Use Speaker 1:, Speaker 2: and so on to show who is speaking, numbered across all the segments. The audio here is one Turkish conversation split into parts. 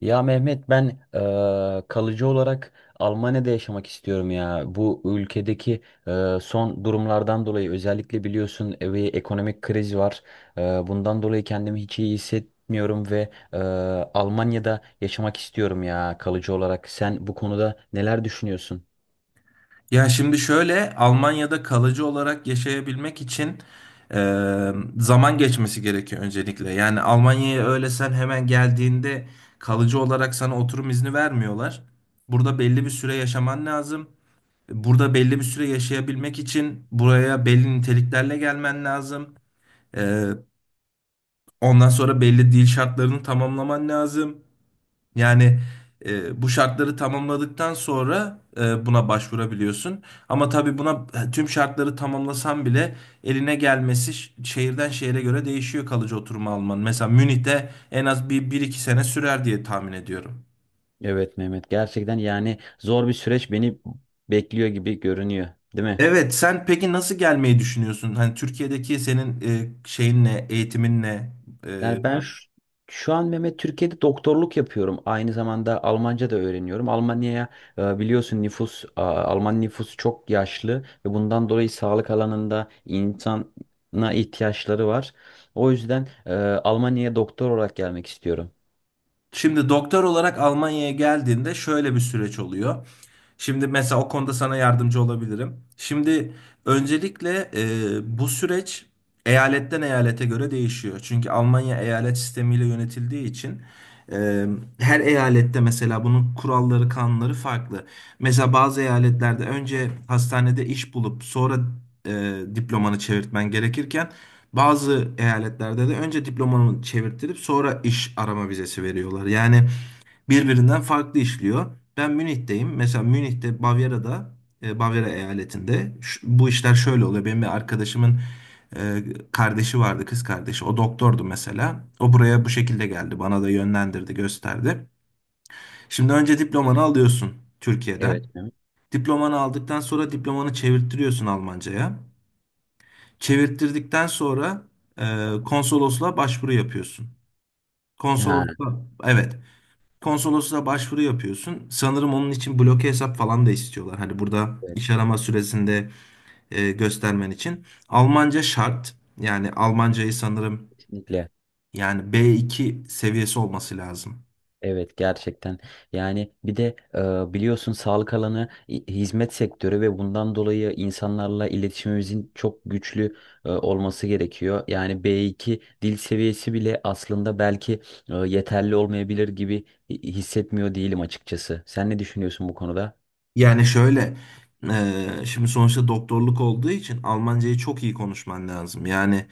Speaker 1: Ya Mehmet ben kalıcı olarak Almanya'da yaşamak istiyorum ya. Bu ülkedeki son durumlardan dolayı özellikle biliyorsun bir ekonomik kriz var. Bundan dolayı kendimi hiç iyi hissetmiyorum ve Almanya'da yaşamak istiyorum ya kalıcı olarak. Sen bu konuda neler düşünüyorsun?
Speaker 2: Ya şimdi şöyle Almanya'da kalıcı olarak yaşayabilmek için e, zaman geçmesi gerekiyor öncelikle. Yani Almanya'ya öyle sen hemen geldiğinde kalıcı olarak sana oturum izni vermiyorlar. Burada belli bir süre yaşaman lazım. Burada belli bir süre yaşayabilmek için buraya belli niteliklerle gelmen lazım. E, ondan sonra belli dil şartlarını tamamlaman lazım. Yani bu şartları tamamladıktan sonra buna başvurabiliyorsun. Ama tabii buna tüm şartları tamamlasan bile eline gelmesi şehirden şehire göre değişiyor kalıcı oturma alman. Mesela Münih'te en az bir iki sene sürer diye tahmin ediyorum.
Speaker 1: Evet Mehmet gerçekten yani zor bir süreç beni bekliyor gibi görünüyor, değil mi?
Speaker 2: Evet, sen peki nasıl gelmeyi düşünüyorsun? Hani Türkiye'deki senin şeyin ne, eğitimin ne, E,
Speaker 1: Yani şu an Mehmet Türkiye'de doktorluk yapıyorum. Aynı zamanda Almanca da öğreniyorum. Almanya'ya biliyorsun Alman nüfusu çok yaşlı ve bundan dolayı sağlık alanında insana ihtiyaçları var. O yüzden Almanya'ya doktor olarak gelmek istiyorum.
Speaker 2: Şimdi doktor olarak Almanya'ya geldiğinde şöyle bir süreç oluyor. Şimdi mesela o konuda sana yardımcı olabilirim. Şimdi öncelikle bu süreç eyaletten eyalete göre değişiyor. Çünkü Almanya eyalet sistemiyle yönetildiği için e, her eyalette mesela bunun kuralları, kanunları farklı. Mesela bazı eyaletlerde önce hastanede iş bulup sonra diplomanı çevirtmen gerekirken bazı eyaletlerde de önce diplomanı çevirttirip sonra iş arama vizesi veriyorlar. Yani birbirinden farklı işliyor. Ben Münih'teyim. Mesela Münih'te Bavyera'da, Bavyera eyaletinde bu işler şöyle oluyor. Benim bir arkadaşımın e, kardeşi vardı, kız kardeşi. O doktordu mesela. O buraya bu şekilde geldi. Bana da yönlendirdi, gösterdi. Şimdi önce diplomanı alıyorsun Türkiye'den.
Speaker 1: Evet. Mehmet.
Speaker 2: Diplomanı aldıktan sonra diplomanı çevirttiriyorsun Almanca'ya. Çevirttirdikten sonra konsolosluğa başvuru yapıyorsun.
Speaker 1: Ha,
Speaker 2: Konsolosluğa evet. Konsolosluğa başvuru yapıyorsun. Sanırım onun için bloke hesap falan da istiyorlar. Hani burada
Speaker 1: evet,
Speaker 2: iş arama süresinde göstermen için. Almanca şart. Yani Almancayı sanırım
Speaker 1: kesinlikle.
Speaker 2: yani B2 seviyesi olması lazım.
Speaker 1: Evet gerçekten yani bir de biliyorsun sağlık alanı hizmet sektörü ve bundan dolayı insanlarla iletişimimizin çok güçlü olması gerekiyor. Yani B2 dil seviyesi bile aslında belki yeterli olmayabilir gibi hissetmiyor değilim açıkçası. Sen ne düşünüyorsun bu konuda?
Speaker 2: Yani şöyle şimdi sonuçta doktorluk olduğu için Almancayı çok iyi konuşman lazım. Yani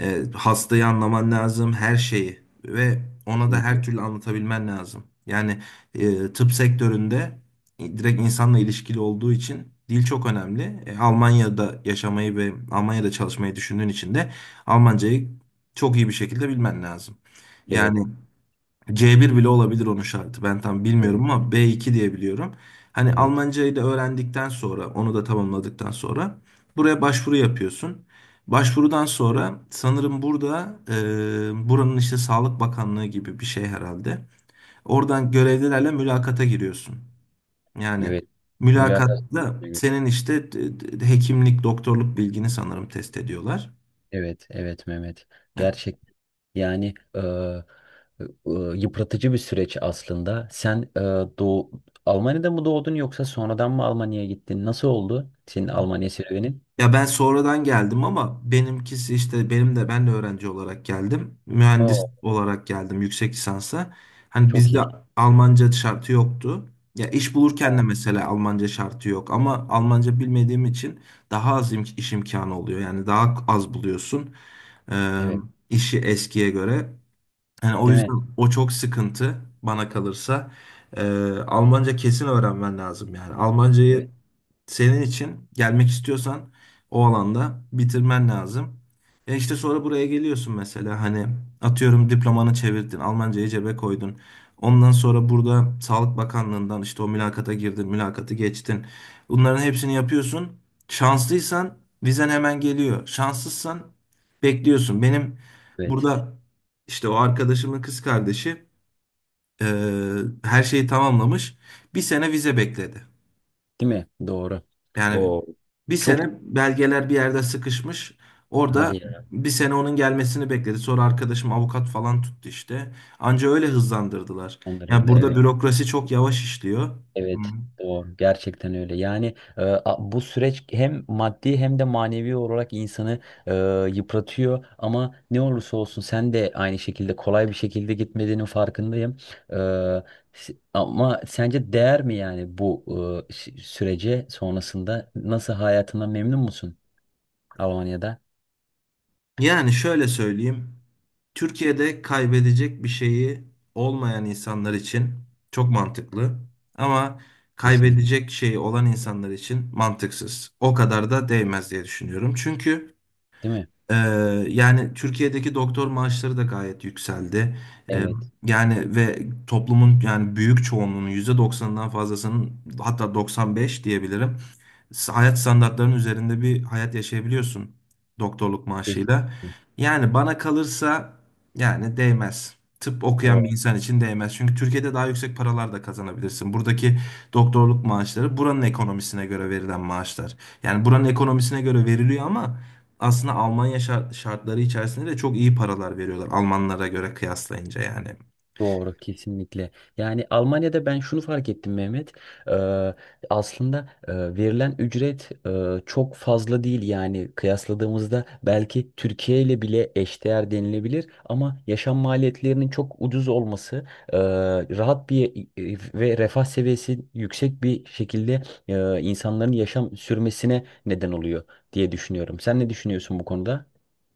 Speaker 2: Hastayı anlaman lazım, her şeyi ve ona da her
Speaker 1: Kesinlikle.
Speaker 2: türlü anlatabilmen lazım. Yani tıp sektöründe direkt insanla ilişkili olduğu için dil çok önemli. Almanya'da yaşamayı ve Almanya'da çalışmayı düşündüğün için de Almancayı çok iyi bir şekilde bilmen lazım.
Speaker 1: Evet,
Speaker 2: Yani C1 bile olabilir onun şartı. Ben tam bilmiyorum
Speaker 1: evet,
Speaker 2: ama B2 diye biliyorum. Hani
Speaker 1: evet,
Speaker 2: Almancayı da öğrendikten sonra, onu da tamamladıktan sonra buraya başvuru yapıyorsun. Başvurudan sonra sanırım burada buranın işte Sağlık Bakanlığı gibi bir şey herhalde. Oradan görevlilerle mülakata giriyorsun. Yani
Speaker 1: evet. Mülakat.
Speaker 2: mülakatta senin işte hekimlik, doktorluk bilgini sanırım test ediyorlar.
Speaker 1: Evet, evet Mehmet.
Speaker 2: E,
Speaker 1: Gerçek yani yıpratıcı bir süreç aslında. Sen doğu, Almanya'da mı doğdun yoksa sonradan mı Almanya'ya gittin? Nasıl oldu senin Almanya serüvenin?
Speaker 2: Ya ben sonradan geldim ama benimkisi işte benim de ben de öğrenci olarak geldim. Mühendis
Speaker 1: Oo,
Speaker 2: olarak geldim yüksek lisansa. Hani
Speaker 1: çok
Speaker 2: bizde
Speaker 1: iyi.
Speaker 2: Almanca şartı yoktu. Ya iş bulurken de
Speaker 1: Oo.
Speaker 2: mesela Almanca şartı yok ama Almanca bilmediğim için daha az iş imkanı oluyor. Yani daha az buluyorsun. Ee,
Speaker 1: Evet,
Speaker 2: işi eskiye göre. Yani o
Speaker 1: değil
Speaker 2: yüzden
Speaker 1: mi?
Speaker 2: o çok sıkıntı bana kalırsa. Almanca kesin öğrenmen lazım yani. Almancayı
Speaker 1: Evet.
Speaker 2: senin için gelmek istiyorsan o alanda bitirmen lazım. E işte sonra buraya geliyorsun mesela hani atıyorum diplomanı çevirdin, Almancayı cebe koydun. Ondan sonra burada Sağlık Bakanlığından işte o mülakata girdin, mülakatı geçtin. Bunların hepsini yapıyorsun. Şanslıysan vizen hemen geliyor. Şanssızsan bekliyorsun. Benim
Speaker 1: Evet,
Speaker 2: burada işte o arkadaşımın kız kardeşi eee, her şeyi tamamlamış. Bir sene vize bekledi.
Speaker 1: değil mi? Doğru.
Speaker 2: Yani
Speaker 1: O
Speaker 2: bir sene
Speaker 1: çok
Speaker 2: belgeler bir yerde sıkışmış.
Speaker 1: hadi
Speaker 2: Orada
Speaker 1: ya.
Speaker 2: bir sene onun gelmesini bekledi. Sonra arkadaşım avukat falan tuttu işte. Anca öyle hızlandırdılar. Yani
Speaker 1: Andırıldı.
Speaker 2: burada
Speaker 1: Evet.
Speaker 2: bürokrasi çok yavaş işliyor. Hı.
Speaker 1: Evet, doğru. Gerçekten öyle. Yani bu süreç hem maddi hem de manevi olarak insanı e, yıpratıyor. Ama ne olursa olsun sen de aynı şekilde kolay bir şekilde gitmediğinin farkındayım. E, Ama sence değer mi yani bu sürece sonrasında? Nasıl hayatından memnun musun Almanya'da?
Speaker 2: Yani şöyle söyleyeyim. Türkiye'de kaybedecek bir şeyi olmayan insanlar için çok mantıklı ama
Speaker 1: Kesinlikle.
Speaker 2: kaybedecek şeyi olan insanlar için mantıksız. O kadar da değmez diye düşünüyorum. Çünkü
Speaker 1: Değil mi?
Speaker 2: ee, yani Türkiye'deki doktor maaşları da gayet yükseldi. Ee,
Speaker 1: Evet.
Speaker 2: Yani ve toplumun yani büyük çoğunluğunun %90'ından fazlasının hatta 95 diyebilirim. Hayat standartlarının üzerinde bir hayat yaşayabiliyorsun doktorluk maaşıyla.
Speaker 1: Kesinlikle.
Speaker 2: Yani bana kalırsa yani değmez. Tıp okuyan bir
Speaker 1: Doğru.
Speaker 2: insan için değmez. Çünkü Türkiye'de daha yüksek paralar da kazanabilirsin. Buradaki doktorluk maaşları buranın ekonomisine göre verilen maaşlar. Yani buranın ekonomisine göre veriliyor ama aslında Almanya şartları içerisinde de çok iyi paralar veriyorlar Almanlara göre kıyaslayınca yani.
Speaker 1: Doğru kesinlikle. Yani Almanya'da ben şunu fark ettim Mehmet. Eee, aslında verilen ücret çok fazla değil yani kıyasladığımızda belki Türkiye ile bile eşdeğer denilebilir ama yaşam maliyetlerinin çok ucuz olması, eee, rahat bir ve refah seviyesi yüksek bir şekilde insanların yaşam sürmesine neden oluyor diye düşünüyorum. Sen ne düşünüyorsun bu konuda?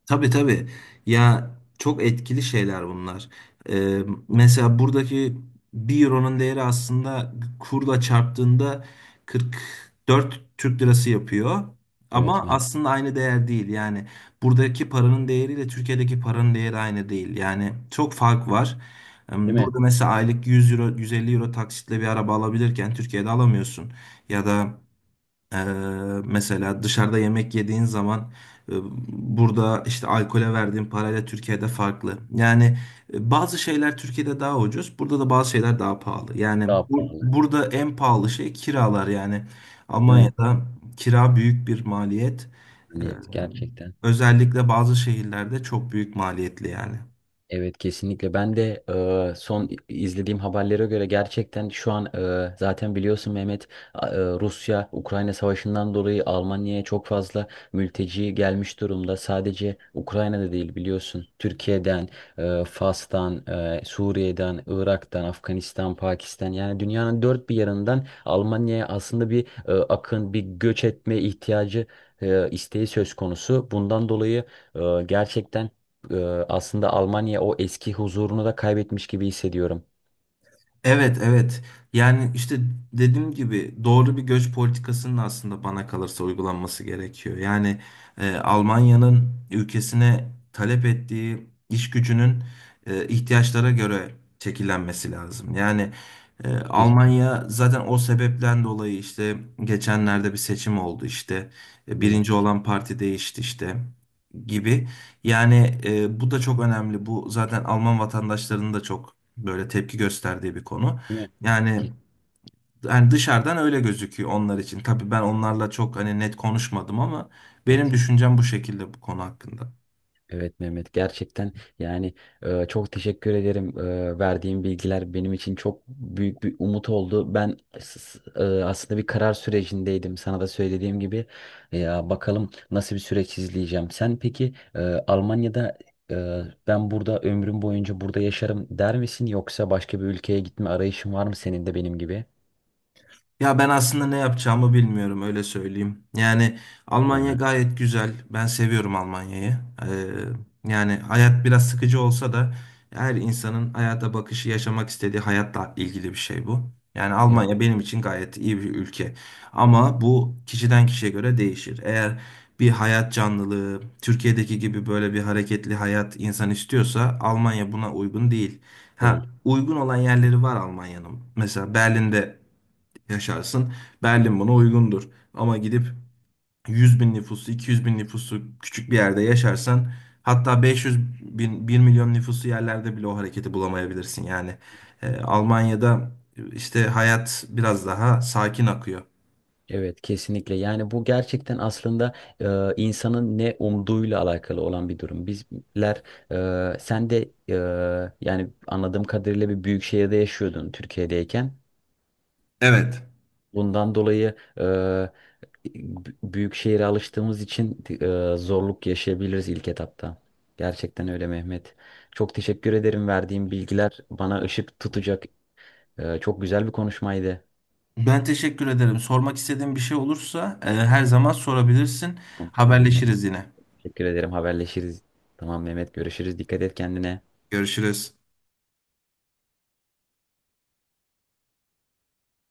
Speaker 2: Tabii tabii. Ya çok etkili şeyler bunlar. Ee, mesela buradaki bir euronun değeri aslında kurla çarptığında 44 Türk lirası yapıyor.
Speaker 1: Evet
Speaker 2: Ama
Speaker 1: mi?
Speaker 2: aslında aynı değer değil. Yani buradaki paranın değeriyle Türkiye'deki paranın değeri aynı değil. Yani çok fark var.
Speaker 1: Değil mi?
Speaker 2: Burada mesela aylık 100 euro, 150 euro taksitle bir araba alabilirken Türkiye'de alamıyorsun. Ya da ee, mesela dışarıda yemek yediğin zaman e, burada işte alkole verdiğin parayla Türkiye'de farklı. Yani bazı şeyler Türkiye'de daha ucuz, burada da bazı şeyler daha pahalı. Yani
Speaker 1: Daha pahalı.
Speaker 2: burada en pahalı şey kiralar yani.
Speaker 1: Değil mi?
Speaker 2: Almanya'da kira büyük bir maliyet. Ee,
Speaker 1: Maliyet gerçekten.
Speaker 2: özellikle bazı şehirlerde çok büyük maliyetli yani.
Speaker 1: Evet kesinlikle. Ben de son izlediğim haberlere göre gerçekten şu an zaten biliyorsun Mehmet Rusya-Ukrayna savaşından dolayı Almanya'ya çok fazla mülteci gelmiş durumda. Sadece Ukrayna'da değil biliyorsun. Türkiye'den, Fas'tan, Suriye'den, Irak'tan, Afganistan, Pakistan yani dünyanın dört bir yanından Almanya'ya aslında bir bir göç etme ihtiyacı isteği söz konusu. Bundan dolayı e, gerçekten ee, aslında Almanya o eski huzurunu da kaybetmiş gibi hissediyorum.
Speaker 2: Evet, evet. Yani işte dediğim gibi doğru bir göç politikasının aslında bana kalırsa uygulanması gerekiyor. Yani Almanya'nın ülkesine talep ettiği iş gücünün ihtiyaçlara göre şekillenmesi lazım. Yani
Speaker 1: Keşke.
Speaker 2: Almanya zaten o sebepten dolayı işte geçenlerde bir seçim oldu. İşte E, birinci
Speaker 1: Evet.
Speaker 2: olan parti değişti işte gibi. Yani bu da çok önemli. Bu zaten Alman vatandaşlarının da çok böyle tepki gösterdiği bir konu.
Speaker 1: Değil mi?
Speaker 2: Yani
Speaker 1: Ke-
Speaker 2: yani dışarıdan öyle gözüküyor onlar için. Tabii ben onlarla çok hani net konuşmadım ama benim
Speaker 1: Evet.
Speaker 2: düşüncem bu şekilde bu konu hakkında.
Speaker 1: Evet Mehmet gerçekten yani çok teşekkür ederim. E, verdiğim bilgiler benim için çok büyük bir umut oldu. Ben aslında bir karar sürecindeydim. Sana da söylediğim gibi ya bakalım nasıl bir süreç izleyeceğim. Sen peki Almanya'da e, ben burada ömrüm boyunca burada yaşarım der misin yoksa başka bir ülkeye gitme arayışın var mı senin de benim gibi?
Speaker 2: Ya ben aslında ne yapacağımı bilmiyorum öyle söyleyeyim. Yani Almanya
Speaker 1: Yani.
Speaker 2: gayet güzel. Ben seviyorum Almanya'yı. Ee, yani hayat biraz sıkıcı olsa da her insanın hayata bakışı, yaşamak istediği hayatla ilgili bir şey bu. Yani Almanya benim için gayet iyi bir ülke. Ama bu kişiden kişiye göre değişir. Eğer bir hayat canlılığı, Türkiye'deki gibi böyle bir hareketli hayat insan istiyorsa Almanya buna uygun değil. Ha,
Speaker 1: Değil.
Speaker 2: uygun olan yerleri var Almanya'nın. Mesela Berlin'de yaşarsın. Berlin buna uygundur. Ama gidip 100 bin nüfusu, 200 bin nüfusu küçük bir yerde yaşarsan hatta 500 bin, 1.000.000 nüfusu yerlerde bile o hareketi bulamayabilirsin. Yani Almanya'da işte hayat biraz daha sakin akıyor.
Speaker 1: Evet kesinlikle yani bu gerçekten aslında insanın ne umduğuyla alakalı olan bir durum. Bizler e, sen de e, yani anladığım kadarıyla bir büyük şehirde yaşıyordun Türkiye'deyken.
Speaker 2: Evet.
Speaker 1: Bundan dolayı büyük şehire alıştığımız için zorluk yaşayabiliriz ilk etapta. Gerçekten öyle Mehmet. Çok teşekkür ederim verdiğin bilgiler bana ışık tutacak. E, çok güzel bir konuşmaydı.
Speaker 2: Ben teşekkür ederim. Sormak istediğin bir şey olursa her zaman sorabilirsin.
Speaker 1: Tamam,
Speaker 2: Haberleşiriz yine.
Speaker 1: teşekkür ederim. Haberleşiriz. Tamam Mehmet görüşürüz. Dikkat et kendine.
Speaker 2: Görüşürüz.